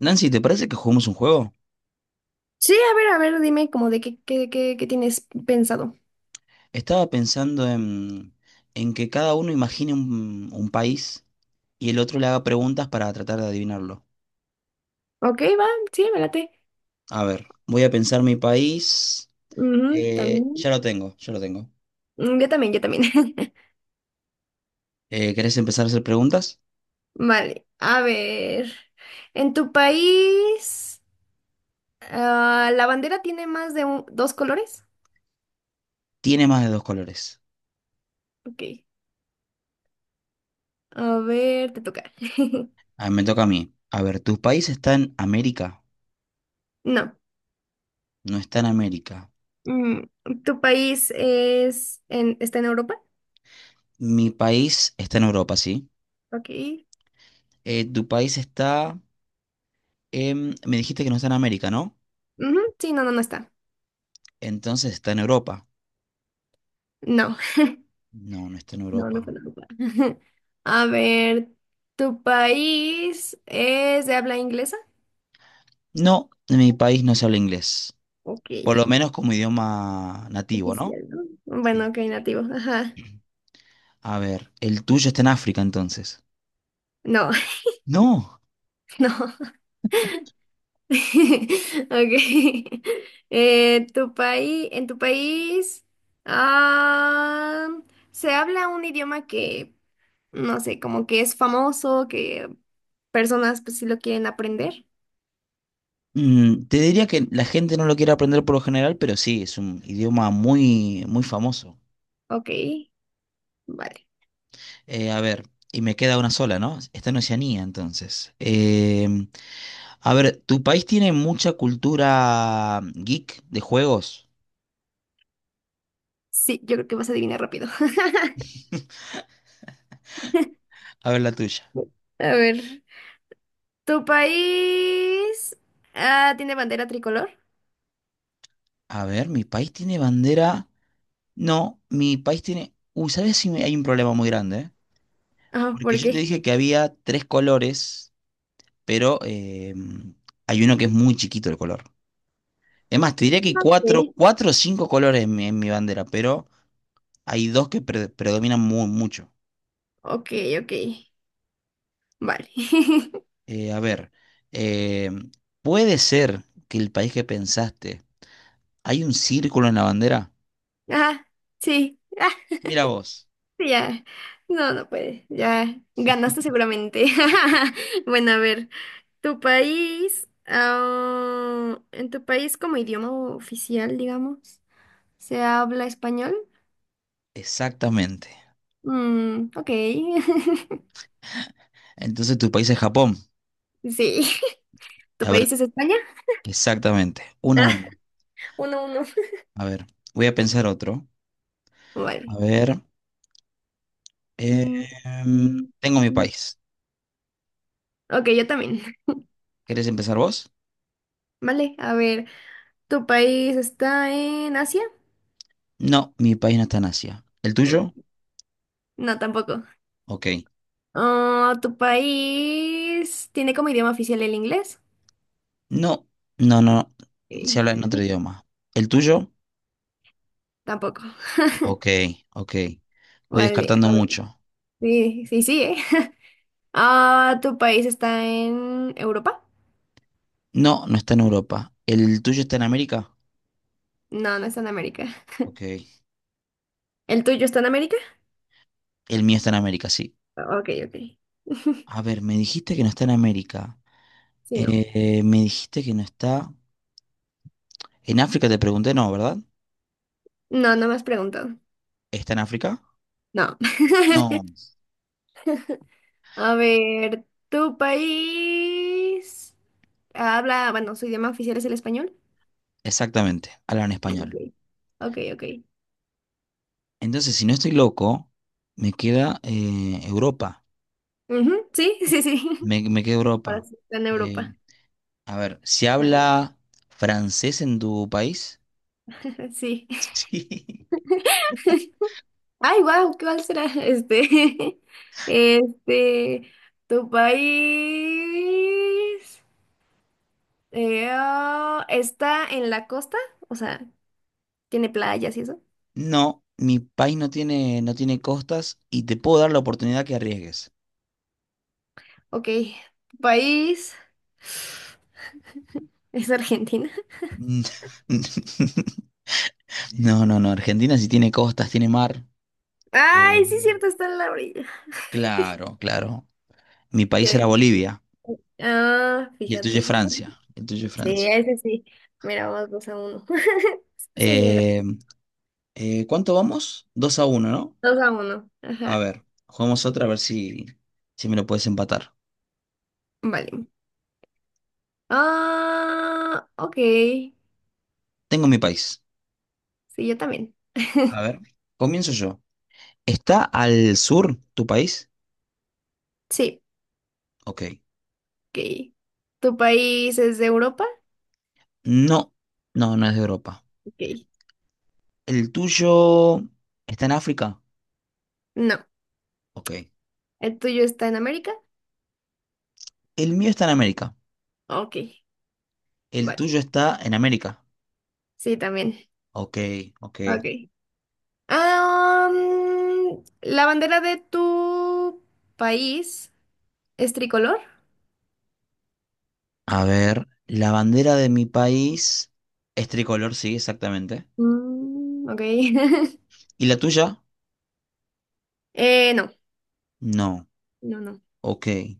Nancy, ¿te parece que juguemos un juego? Sí, a ver, dime como de qué tienes pensado. Estaba pensando en que cada uno imagine un país y el otro le haga preguntas para tratar de adivinarlo. Ok, va, sí, me late. A ver, voy a pensar mi país. Ujú, también. Ya lo tengo, ya lo tengo. Mm, yo también, yo también. ¿Querés empezar a hacer preguntas? Vale, a ver. ¿En tu país la bandera tiene más de dos colores? Tiene más de dos colores. Ok, a ver, te toca. A ver, me toca a mí. A ver, ¿tu país está en América? No. No está en América. Mm, ¿tu país está en Europa? Mi país está en Europa, ¿sí? Ok. ¿Tu país está en... Me dijiste que no está en América, ¿no? Ujú, sí, no está. Entonces está en Europa. No. No, no está en No, no Europa. conozco. A ver, ¿tu país es de habla inglesa? No, en mi país no se habla inglés, Ok, por lo menos como idioma nativo, ¿no? oficial, ¿no? Bueno, Sí, ok, sí. nativo, ajá. A ver, el tuyo está en África entonces. No, No, no. Ok. ¿Tu país, en tu país, ah, se habla un idioma que, no sé, como que es famoso, que personas pues sí lo quieren aprender? mm, te diría que la gente no lo quiere aprender por lo general, pero sí, es un idioma muy, muy famoso. Ok, vale. A ver, y me queda una sola, ¿no? Está en Oceanía entonces. Em, a ver, ¿tu país tiene mucha cultura geek de juegos? Sí, yo creo que vas a adivinar rápido. A ver la tuya. A ver. ¿Tu país tiene bandera tricolor? A ver, mi país tiene bandera. No, mi país tiene... Uy, ¿sabes si hay un problema muy grande? ¿Eh? Ah, Porque ¿por yo te qué? dije que había tres colores, pero hay uno que es muy chiquito el color. Es más, te diría que hay cuatro, Sí. cuatro o cinco colores en mi bandera, pero hay dos que predominan muy, mucho. Ok, ok. Vale. A ver, eh, ¿puede ser que el país que pensaste, hay un círculo en la bandera? Ah, sí. Ah, Mira vos. sí, ya. No, no puede. Ya ganaste seguramente. Bueno, a ver. ¿Tu país, en tu país como idioma oficial, digamos, se habla español? Exactamente. Mm, ok. Entonces tu país es Japón. Sí. ¿Tu A ver, país es España? exactamente. Uno a Ah, uno. uno, uno. A ver, voy a pensar otro. A Vale. ver, eh, Mm, em, mm, tengo mi mm. país. Ok, yo también. ¿Querés empezar vos? Vale, a ver, ¿tu país está en Asia? No, mi país no está en Asia. ¿El Oh, tuyo? no, tampoco. Ok. Ah, ¿tu país tiene como idioma oficial el inglés? No, no, no. Se Sí, habla en otro idioma. ¿El tuyo? tampoco. Ok, ok. Voy Vale, descartando a ver. mucho. Sí, sí, sí, ¿eh? Ah, ¿tu país está en Europa? No, no está en Europa. ¿El tuyo está en América? No, no está en América. Ok. ¿El tuyo está en América? El mío está en América, sí. Ok, ok. A ver, me dijiste que no está en América. Sí, no. Me dijiste que no está... En África te pregunté, no, ¿verdad? No, no me has preguntado. ¿Está en África? No. No. A ver, ¿tu país habla, bueno, su idioma oficial es el español? Exactamente. Hablan Ok, español. ok, ok. Entonces, si no estoy loco, me queda Europa. Ujú, sí, sí, sí. Me queda Ahora Europa. sí, está en Eh, Europa. a ver, ¿se Bueno, habla francés en tu país? sí. Sí. Ay, wow, ¿cuál será? Este, este, tu país está en la costa, o sea, tiene playas y eso. No, mi país no tiene, no tiene costas y te puedo dar la oportunidad que arriesgues. Ok, tu país es Argentina. Mm. No, no, no. Argentina sí tiene costas, tiene mar. Ay, sí, es Eh, cierto, está en la orilla. Claro, claro. Mi país era Que, Bolivia y el tuyo es fíjate. Francia. El tuyo es Sí, Francia. ese sí. Mira, vamos dos a uno. Sí, era Eh, ¿Cuánto vamos? 2 a uno, ¿no? dos a uno. A Ajá. ver, jugamos otra a ver si, si me lo puedes empatar. Vale. Ah, ok. Sí, Tengo mi país. yo también. A ver, comienzo yo. ¿Está al sur tu país? Sí, Ok. ok. ¿Tu país es de Europa? No, no, no es de Europa. Ok. ¿El tuyo está en África? No. Ok. ¿El tuyo está en América? El mío está en América. Ok. ¿El Vale. tuyo está en América? Sí, también. Ok, ok. Ok. Ah, mm, ¿la bandera de tu país es tricolor? A ver, la bandera de mi país es tricolor, sí, exactamente. Mm, ok. ¿Y la tuya? No. No. No, no. Ok. Eh,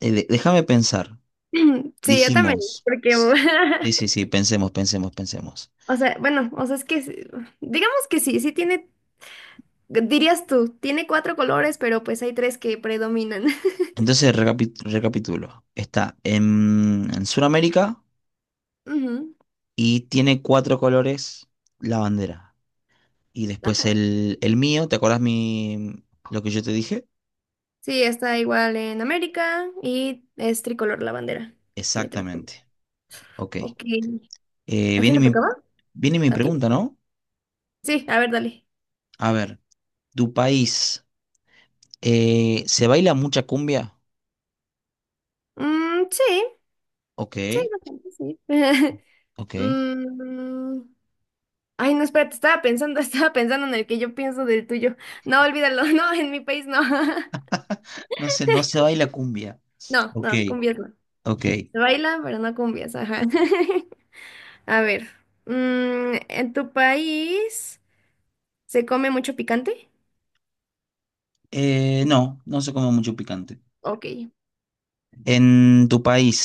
de- Déjame pensar. Sí, yo también, Dijimos, porque, sí, sí, sí, pensemos, pensemos, pensemos. o sea, bueno, o sea, es que, sí, digamos que sí, sí tiene, dirías tú, tiene cuatro colores, pero pues hay tres que predominan. Entonces, recapitulo. Está en Sudamérica Ujú, y tiene cuatro colores la bandera. Y después ajá. el mío, ¿te acuerdas mi, lo que yo te dije? Sí, está igual en América y es tricolor la bandera. Tiene tres colores. Exactamente. Ok. Ok. Eh, ¿A viene quién le mi, tocaba? Viene mi ¿A ti? pregunta, ¿no? Sí, a ver, dale. A ver, ¿tu país se baila mucha cumbia? Mm, sí, Ok, sí, bastante, sí. ok. Mm, ay, no, espérate, estaba pensando, estaba pensando en el que yo pienso del tuyo. No, olvídalo, no, en mi país no. No se, no se baila cumbia. No, Ok, no, cumbias no. ok. Se baila, pero no cumbias, ajá. A ver, mm, ¿en tu país se come mucho picante? No, no se come mucho picante. Ok, En tu país,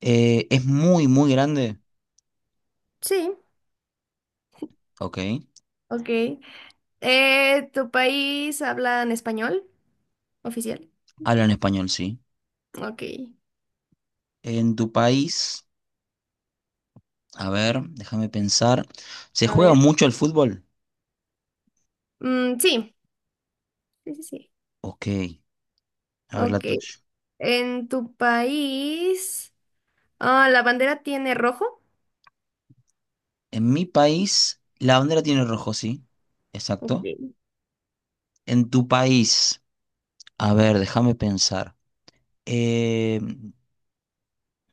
¿es muy, muy grande? sí, Ok. ok. ¿Tu país habla en español oficial? Hablan español, sí. Ok, En tu país, a ver, déjame pensar. ¿Se a juega ver. mucho el fútbol? Mm, sí, sí, sí, sí. Ok. A ver la Ok, tuya. ¿en tu país la bandera tiene rojo? En mi país, la bandera tiene rojo, sí. Ok, Exacto. En tu país, a ver, déjame pensar. Eh,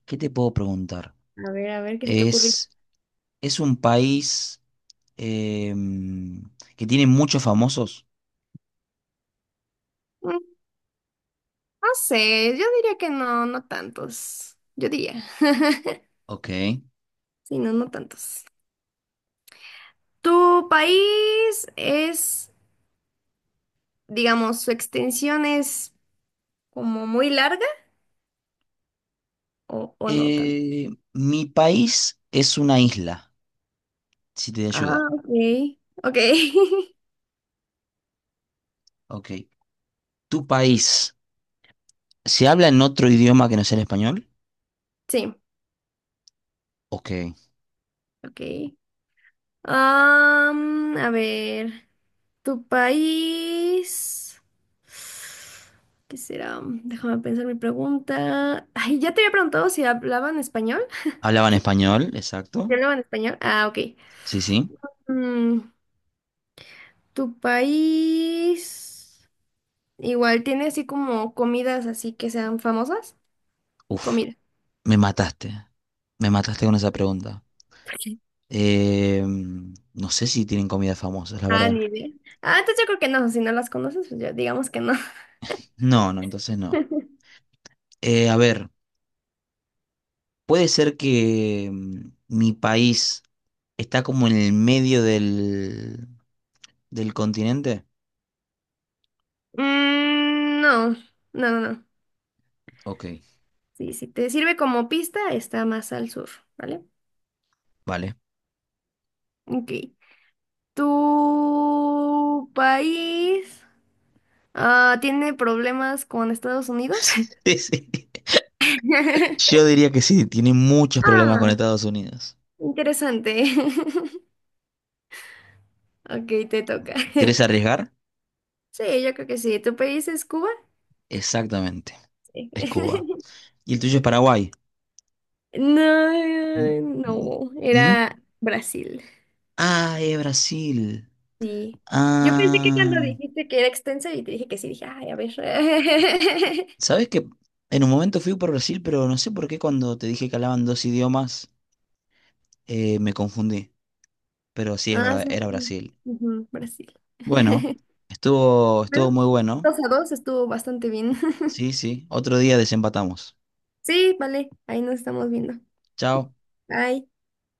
¿Qué te puedo preguntar? A ver, ¿qué se te ocurrió? ¿Es, es un país em, que tiene muchos famosos? Mm, no sé, yo diría que no, no tantos. Yo diría. Ok. Sí, no, no tantos. ¿Tu país es, digamos, su extensión es como muy larga o no tanto? Mi país es una isla, si te ayuda. Ah, ok. Ok. Ok. ¿Tu país se habla en otro idioma que no sea el español? Sí, Ok. ok. Am, a ver, tu país. ¿Qué será? Déjame pensar mi pregunta. Ay, ya te había preguntado si hablaban español. Hablaban ¿Qué? español, exacto. ¿Sí hablaban español? Ah, ok. Sí, sí. Mm, tu país. Igual, ¿tiene así como comidas así que sean famosas? Uf, Comida. me mataste. Me mataste con esa pregunta. Eh, no sé si tienen comidas famosas, la Ah, verdad. ni idea. Ah, entonces yo creo que no, si no las conoces, pues ya digamos que no. No, no, entonces no. A ver, puede ser que mm, mi país está como en el medio del continente. Mm, no. Ok, Sí, si te sirve como pista, está más al sur, ¿vale? vale. Ok. ¿Tu país tiene problemas con Estados Unidos? Sí, sí. Yo diría que sí, tiene muchos problemas con Ah, Estados Unidos. interesante. Ok, te toca. ¿Querés arriesgar? Sí, yo creo que sí. ¿Tu país es Cuba? Exactamente. Sí. Es Cuba. ¿Y el tuyo es Paraguay? No, N- n- no, No es- era Brasil. Ah, es Brasil. Sí. Yo pensé que Ah. cuando dijiste que era extensa y te dije que sí, dije, ay, a ver. Sabes que en un momento fui por Brasil, pero no sé por qué cuando te dije que hablaban dos idiomas, me confundí. Pero sí, es Ah, verdad, sí, era sí. Brasil. Ujú, Brasil. Bueno, estuvo, estuvo Bueno, muy bueno. dos a dos estuvo bastante bien. Sí, sí. Otro día desempatamos. Sí, vale, ahí nos estamos viendo. Chao. Bye.